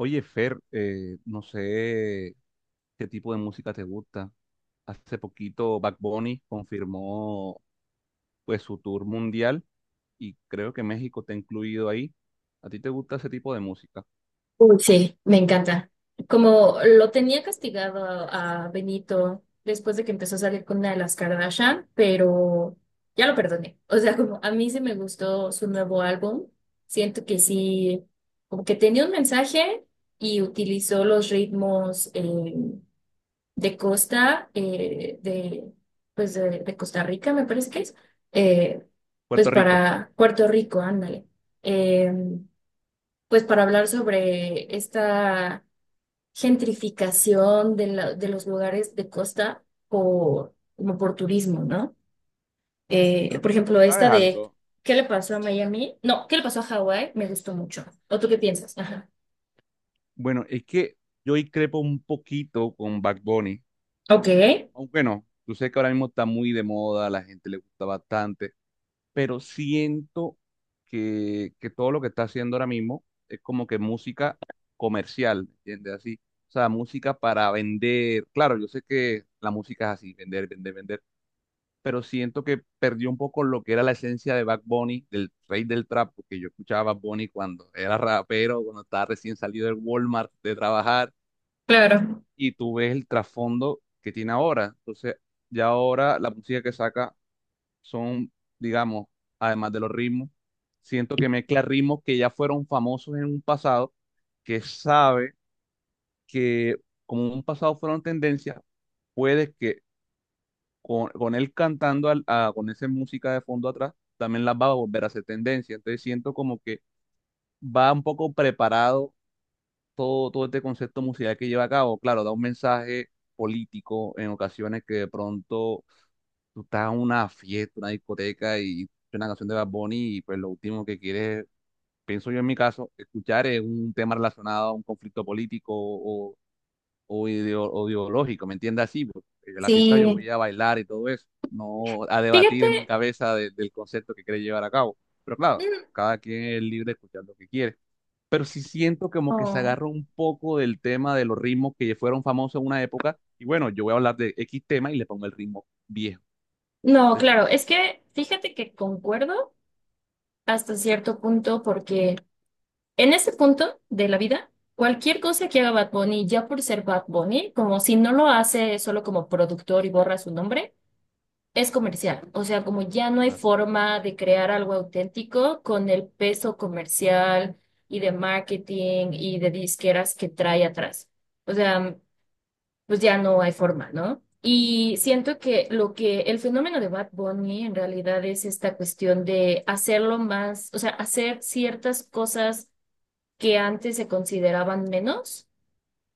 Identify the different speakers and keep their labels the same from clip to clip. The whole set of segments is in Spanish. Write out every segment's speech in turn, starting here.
Speaker 1: Oye, Fer, no sé qué tipo de música te gusta. Hace poquito Bad Bunny confirmó pues su tour mundial y creo que México te ha incluido ahí. ¿A ti te gusta ese tipo de música?
Speaker 2: Uy, sí, me encanta. Como lo tenía castigado a Benito después de que empezó a salir con una de las Kardashian, pero ya lo perdoné. O sea, como a mí sí me gustó su nuevo álbum. Siento que sí, como que tenía un mensaje y utilizó los ritmos de Costa, de, pues de Costa Rica, me parece que es, eh, pues
Speaker 1: Puerto Rico.
Speaker 2: para Puerto Rico, ándale. Em, pues para hablar sobre esta gentrificación de, de los lugares de costa por, como por turismo, ¿no?
Speaker 1: Bueno,
Speaker 2: Por
Speaker 1: tú
Speaker 2: ejemplo,
Speaker 1: sabes
Speaker 2: esta de
Speaker 1: algo.
Speaker 2: ¿qué le pasó a Miami? No, ¿qué le pasó a Hawái? Me gustó mucho. ¿O tú qué piensas? Ajá.
Speaker 1: Bueno, es que yo ahí crepo un poquito con Bad Bunny.
Speaker 2: Ok,
Speaker 1: Aunque no, tú sé que ahora mismo está muy de moda, a la gente le gusta bastante, pero siento que todo lo que está haciendo ahora mismo es como que música comercial, ¿me ¿entiendes? Así, o sea, música para vender. Claro, yo sé que la música es así, vender, vender, vender, pero siento que perdió un poco lo que era la esencia de Bad Bunny, del rey del trap, porque yo escuchaba a Bad Bunny cuando era rapero, cuando estaba recién salido del Walmart de trabajar,
Speaker 2: claro.
Speaker 1: y tú ves el trasfondo que tiene ahora. Entonces, ya ahora la música que saca son, digamos, además de los ritmos, siento que mezcla ritmos que ya fueron famosos en un pasado, que sabe que como en un pasado fueron tendencias, puede que con él cantando con esa música de fondo atrás, también las va a volver a hacer tendencia. Entonces siento como que va un poco preparado todo este concepto musical que lleva a cabo. Claro, da un mensaje político en ocasiones que de pronto tú estás en una fiesta, una discoteca y escuchas una canción de Bad Bunny y pues lo último que quieres, pienso yo en mi caso, escuchar es un tema relacionado a un conflicto político o, o ideológico, ¿me entiendes? Así, porque en la fiesta yo
Speaker 2: Sí,
Speaker 1: voy a bailar y todo eso, no a debatir
Speaker 2: fíjate.
Speaker 1: en mi cabeza del concepto que quiere llevar a cabo. Pero claro,
Speaker 2: mm,
Speaker 1: cada quien es libre de escuchar lo que quiere. Pero sí siento como que se
Speaker 2: oh,
Speaker 1: agarró un poco del tema de los ritmos que fueron famosos en una época. Y bueno, yo voy a hablar de X tema y le pongo el ritmo viejo.
Speaker 2: No,
Speaker 1: Entonces,
Speaker 2: claro, es que fíjate que concuerdo hasta cierto punto porque en ese punto de la vida, cualquier cosa que haga Bad Bunny, ya por ser Bad Bunny, como si no lo hace solo como productor y borra su nombre, es comercial. O sea, como ya no hay forma de crear algo auténtico con el peso comercial y de marketing y de disqueras que trae atrás. O sea, pues ya no hay forma, ¿no? Y siento que lo que el fenómeno de Bad Bunny en realidad es esta cuestión de hacerlo más, o sea, hacer ciertas cosas que antes se consideraban menos,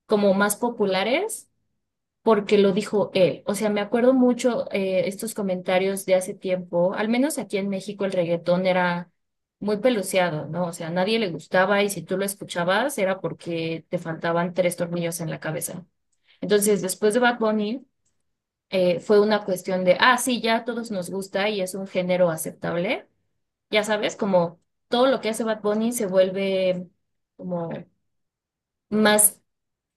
Speaker 2: como más populares, porque lo dijo él. O sea, me acuerdo mucho estos comentarios de hace tiempo, al menos aquí en México el reggaetón era muy peluciado, ¿no? O sea, a nadie le gustaba y si tú lo escuchabas era porque te faltaban tres tornillos en la cabeza. Entonces, después de Bad Bunny, fue una cuestión de, ah, sí, ya a todos nos gusta y es un género aceptable. Ya sabes, como todo lo que hace Bad Bunny se vuelve como más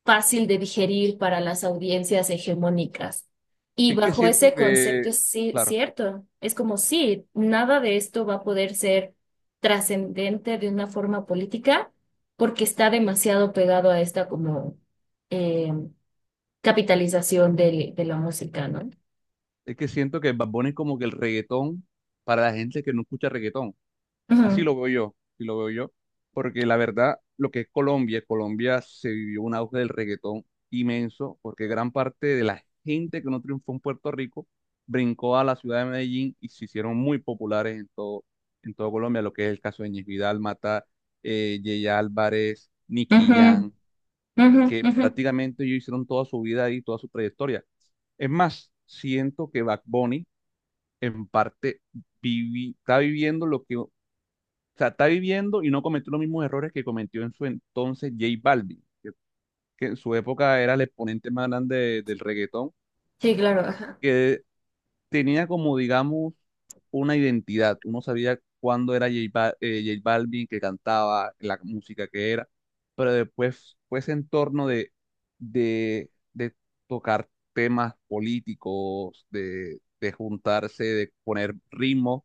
Speaker 2: fácil de digerir para las audiencias hegemónicas. Y
Speaker 1: Es que
Speaker 2: bajo
Speaker 1: siento
Speaker 2: ese concepto
Speaker 1: que,
Speaker 2: es sí,
Speaker 1: claro,
Speaker 2: cierto, es como sí, nada de esto va a poder ser trascendente de una forma política porque está demasiado pegado a esta como eh, capitalización de la música, ¿no?
Speaker 1: es que siento que Bad Bunny es como que el reggaetón para la gente que no escucha reggaetón. Así
Speaker 2: Ujú,
Speaker 1: lo veo yo, así lo veo yo. Porque la verdad, lo que es Colombia, Colombia se vivió un auge del reggaetón inmenso, porque gran parte de la gente que no triunfó en Puerto Rico brincó a la ciudad de Medellín y se hicieron muy populares en todo Colombia, lo que es el caso de Ñez Vidal, Mata, Yeye Álvarez, Nicky
Speaker 2: ujú,
Speaker 1: Jam,
Speaker 2: ujú,
Speaker 1: que
Speaker 2: ujú.
Speaker 1: prácticamente ellos hicieron toda su vida ahí, toda su trayectoria. Es más, siento que Back Bunny en parte está viviendo lo que, o sea, está viviendo y no cometió los mismos errores que cometió en su entonces J Balvin, que en su época era el exponente más grande del reggaetón,
Speaker 2: Sí, claro, ajá.
Speaker 1: que tenía como, digamos, una identidad. Uno sabía cuándo era J Balvin que cantaba, la música que era, pero después fue ese entorno de, de tocar temas políticos, de juntarse, de poner ritmo,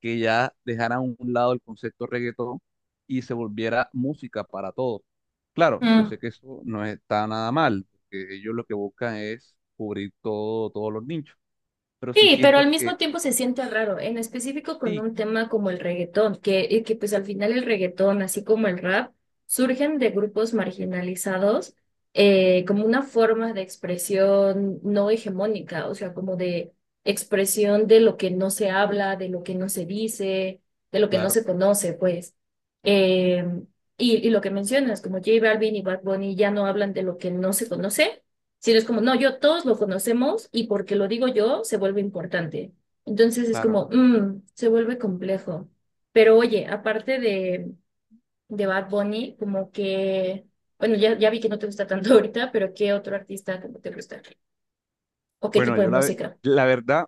Speaker 1: que ya dejara a un lado el concepto reggaetón y se volviera música para todos. Claro, yo
Speaker 2: Mm.
Speaker 1: sé que eso no está nada mal, porque ellos lo que buscan es cubrir todo, todos los nichos, pero sí
Speaker 2: Sí, pero
Speaker 1: siento
Speaker 2: al mismo
Speaker 1: que
Speaker 2: tiempo se siente raro, en específico con
Speaker 1: sí,
Speaker 2: un tema como el reggaetón, que, y que pues al final el reggaetón, así como el rap, surgen de grupos marginalizados como una forma de expresión no hegemónica, o sea, como de expresión de lo que no se habla, de lo que no se dice, de lo que no
Speaker 1: claro,
Speaker 2: se conoce, pues. Eh, y lo que mencionas, como J Balvin y Bad Bunny ya no hablan de lo que no se conoce, sino es como, no, yo todos lo conocemos y porque lo digo yo se vuelve importante. Entonces es
Speaker 1: claro.
Speaker 2: como, se vuelve complejo. Pero oye, aparte de Bad Bunny, como que, bueno, ya vi que no te gusta tanto ahorita, pero ¿qué otro artista como te gusta? ¿O qué
Speaker 1: Bueno,
Speaker 2: tipo de
Speaker 1: yo
Speaker 2: música?
Speaker 1: la verdad,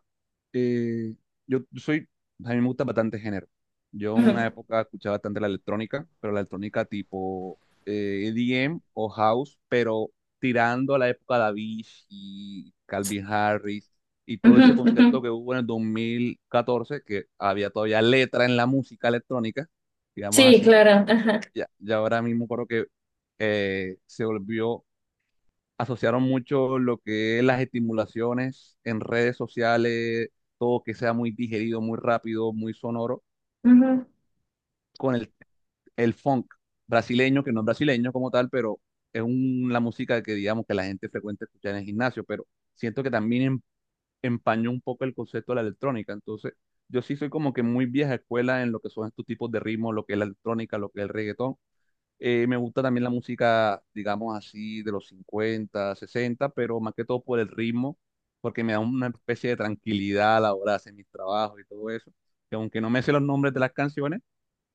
Speaker 1: eh, yo soy, a mí me gusta bastante género. Yo en
Speaker 2: Ujú,
Speaker 1: una época escuchaba bastante la electrónica, pero la electrónica tipo EDM o house, pero tirando a la época de Avicii, Calvin Harris y todo
Speaker 2: ujú,
Speaker 1: ese
Speaker 2: ujú.
Speaker 1: concepto que hubo en el 2014 que había todavía letra en la música electrónica, digamos
Speaker 2: Sí,
Speaker 1: así.
Speaker 2: claro. Ajá.
Speaker 1: Ya, ya ahora mismo creo que se volvió asociaron mucho lo que es las estimulaciones en redes sociales, todo que sea muy digerido, muy rápido, muy sonoro,
Speaker 2: Ujú.
Speaker 1: con el funk brasileño, que no es brasileño como tal, pero la música que digamos que la gente frecuente escucha en el gimnasio, pero siento que también empañó un poco el concepto de la electrónica. Entonces, yo sí soy como que muy vieja escuela en lo que son estos tipos de ritmos, lo que es la electrónica, lo que es el reggaetón. Me gusta también la música, digamos así, de los 50 sesenta, pero más que todo por el ritmo, porque me da una especie de tranquilidad a la hora de hacer mis trabajos y todo eso. Que aunque no me sé los nombres de las canciones,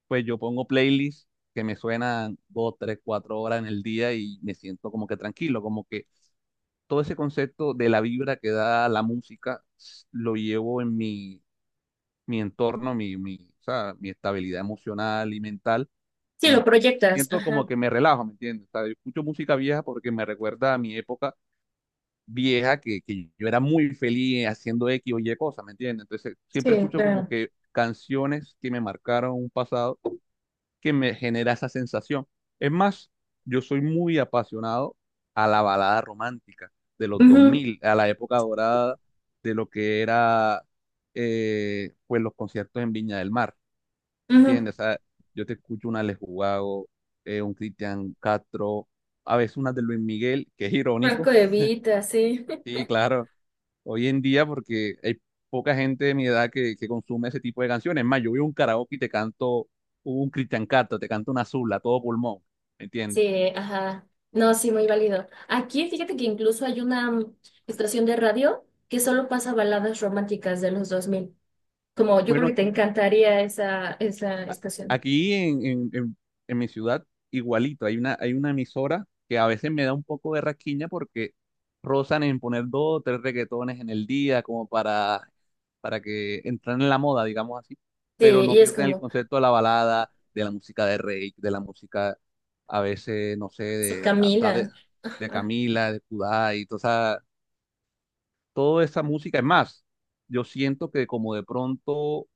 Speaker 1: pues yo pongo playlists que me suenan 2, 3, 4 horas en el día y me siento como que tranquilo, como que todo ese concepto de la vibra que da la música lo llevo en mi entorno, o sea, mi estabilidad emocional y mental
Speaker 2: Sí, lo
Speaker 1: y
Speaker 2: proyectas.
Speaker 1: siento
Speaker 2: Ajá.
Speaker 1: como que me relajo, ¿me entiendes? O sea, yo escucho música vieja porque me recuerda a mi época vieja que yo era muy feliz haciendo X o Y cosas, ¿me entiendes? Entonces siempre
Speaker 2: Sí,
Speaker 1: escucho como
Speaker 2: claro.
Speaker 1: que canciones que me marcaron un pasado que me genera esa sensación. Es más, yo soy muy apasionado a la balada romántica de los dos
Speaker 2: Ujú,
Speaker 1: mil a la época dorada de lo que era pues los conciertos en Viña del Mar.
Speaker 2: ujú.
Speaker 1: ¿Entiendes? O sea, yo te escucho una Les Jugago, un Cristian Castro, a veces una de Luis Miguel, que es irónico.
Speaker 2: Franco de Vita, sí.
Speaker 1: Sí, claro, hoy en día porque hay poca gente de mi edad que consume ese tipo de canciones. Es más, yo voy a un karaoke y te canto un Cristian Castro, te canto una Zula, todo pulmón, ¿me entiendes?
Speaker 2: Sí, ajá. No, sí, muy válido. Aquí fíjate que incluso hay una estación de radio que solo pasa baladas románticas de los 2000, como yo creo que
Speaker 1: Bueno,
Speaker 2: te encantaría esa, esa estación.
Speaker 1: aquí en mi ciudad, igualito, hay una emisora que a veces me da un poco de rasquiña porque rozan en poner dos o tres reggaetones en el día como para que entren en la moda, digamos así,
Speaker 2: Sí,
Speaker 1: pero no
Speaker 2: y es
Speaker 1: pierden el
Speaker 2: como,
Speaker 1: concepto de la balada, de la música de Rey, de la música a veces, no sé,
Speaker 2: sí,
Speaker 1: hasta
Speaker 2: Camila.
Speaker 1: de Camila, de Kudai, esa, toda esa música. Es más, yo siento que como de pronto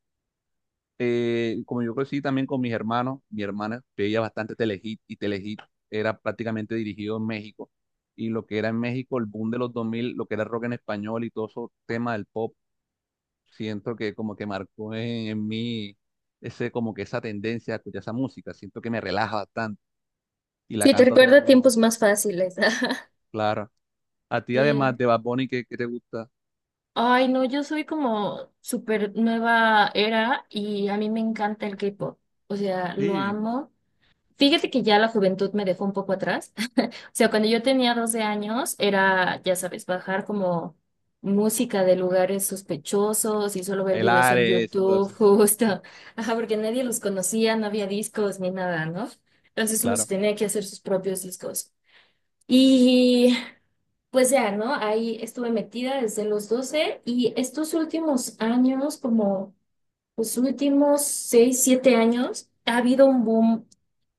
Speaker 1: como yo crecí también con mis hermanos, mi hermana veía bastante Telehit y Telehit era prácticamente dirigido en México. Y lo que era en México, el boom de los 2000 lo que era rock en español y todo eso tema del pop, siento que como que marcó en mí ese, como que esa tendencia a escuchar esa música. Siento que me relaja bastante y la
Speaker 2: Sí, te
Speaker 1: canto a todo
Speaker 2: recuerda a
Speaker 1: pulmón.
Speaker 2: tiempos más fáciles.
Speaker 1: Claro. A ti, además
Speaker 2: Sí.
Speaker 1: de Bad Bunny, ¿qué te gusta?
Speaker 2: Ay, no, yo soy como súper nueva era y a mí me encanta el K-pop. O sea, lo
Speaker 1: Sí,
Speaker 2: amo. Fíjate que ya la juventud me dejó un poco atrás. O sea, cuando yo tenía 12 años era, ya sabes, bajar como música de lugares sospechosos y solo ver
Speaker 1: el
Speaker 2: videos en
Speaker 1: Ares y todo
Speaker 2: YouTube,
Speaker 1: eso.
Speaker 2: justo. Ajá, porque nadie los conocía, no había discos ni nada, ¿no? Entonces uno se
Speaker 1: Claro.
Speaker 2: tenía que hacer sus propios discos. Y pues ya, ¿no? Ahí estuve metida desde los 12 y estos últimos años, como los últimos 6, 7 años, ha habido un boom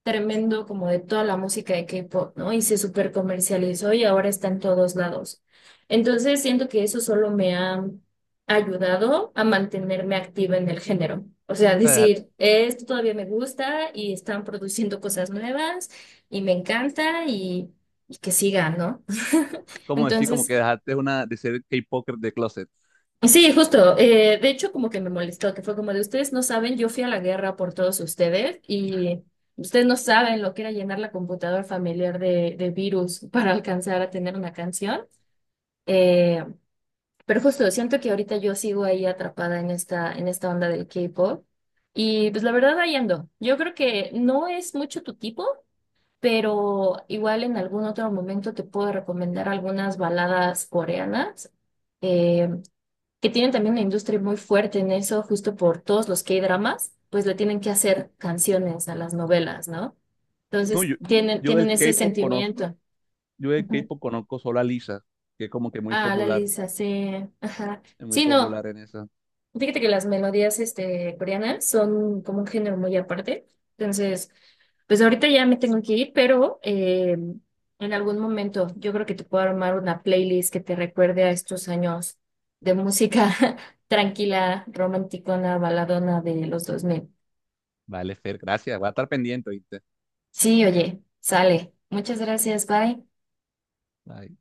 Speaker 2: tremendo como de toda la música de K-pop, ¿no? Y se super comercializó y ahora está en todos lados. Entonces siento que eso solo me ha ayudado a mantenerme activa en el género. O sea,
Speaker 1: O sea,
Speaker 2: decir, esto todavía me gusta y están produciendo cosas nuevas y me encanta y que siga, ¿no?
Speaker 1: como decir, como que
Speaker 2: Entonces,
Speaker 1: dejaste una de ser K-Poker de closet.
Speaker 2: sí, justo. De hecho, como que me molestó, que fue como de ustedes no saben, yo fui a la guerra por todos ustedes y ustedes no saben lo que era llenar la computadora familiar de virus para alcanzar a tener una canción. Eh, pero justo, siento que ahorita yo sigo ahí atrapada en esta onda del K-pop y pues la verdad ahí ando. Yo creo que no es mucho tu tipo, pero igual en algún otro momento te puedo recomendar algunas baladas coreanas. eh, que tienen también una industria muy fuerte en eso, justo por todos los K-dramas, pues le tienen que hacer canciones a las novelas, ¿no?
Speaker 1: No,
Speaker 2: Entonces tienen,
Speaker 1: yo
Speaker 2: tienen
Speaker 1: del
Speaker 2: ese
Speaker 1: K-pop conozco,
Speaker 2: sentimiento.
Speaker 1: yo del
Speaker 2: Ujú.
Speaker 1: K-pop conozco solo a Lisa, que es como que muy
Speaker 2: Ah, la
Speaker 1: popular,
Speaker 2: Lisa, sí. Ajá.
Speaker 1: es muy
Speaker 2: Sí, no.
Speaker 1: popular en esa.
Speaker 2: Fíjate que las melodías este, coreanas son como un género muy aparte. Entonces, pues ahorita ya me tengo que ir, pero en algún momento yo creo que te puedo armar una playlist que te recuerde a estos años de música tranquila, romanticona, baladona de los 2000.
Speaker 1: Vale, Fer, gracias, voy a estar pendiente, ¿viste?
Speaker 2: Sí, oye, sale. Muchas gracias, bye.
Speaker 1: Bye.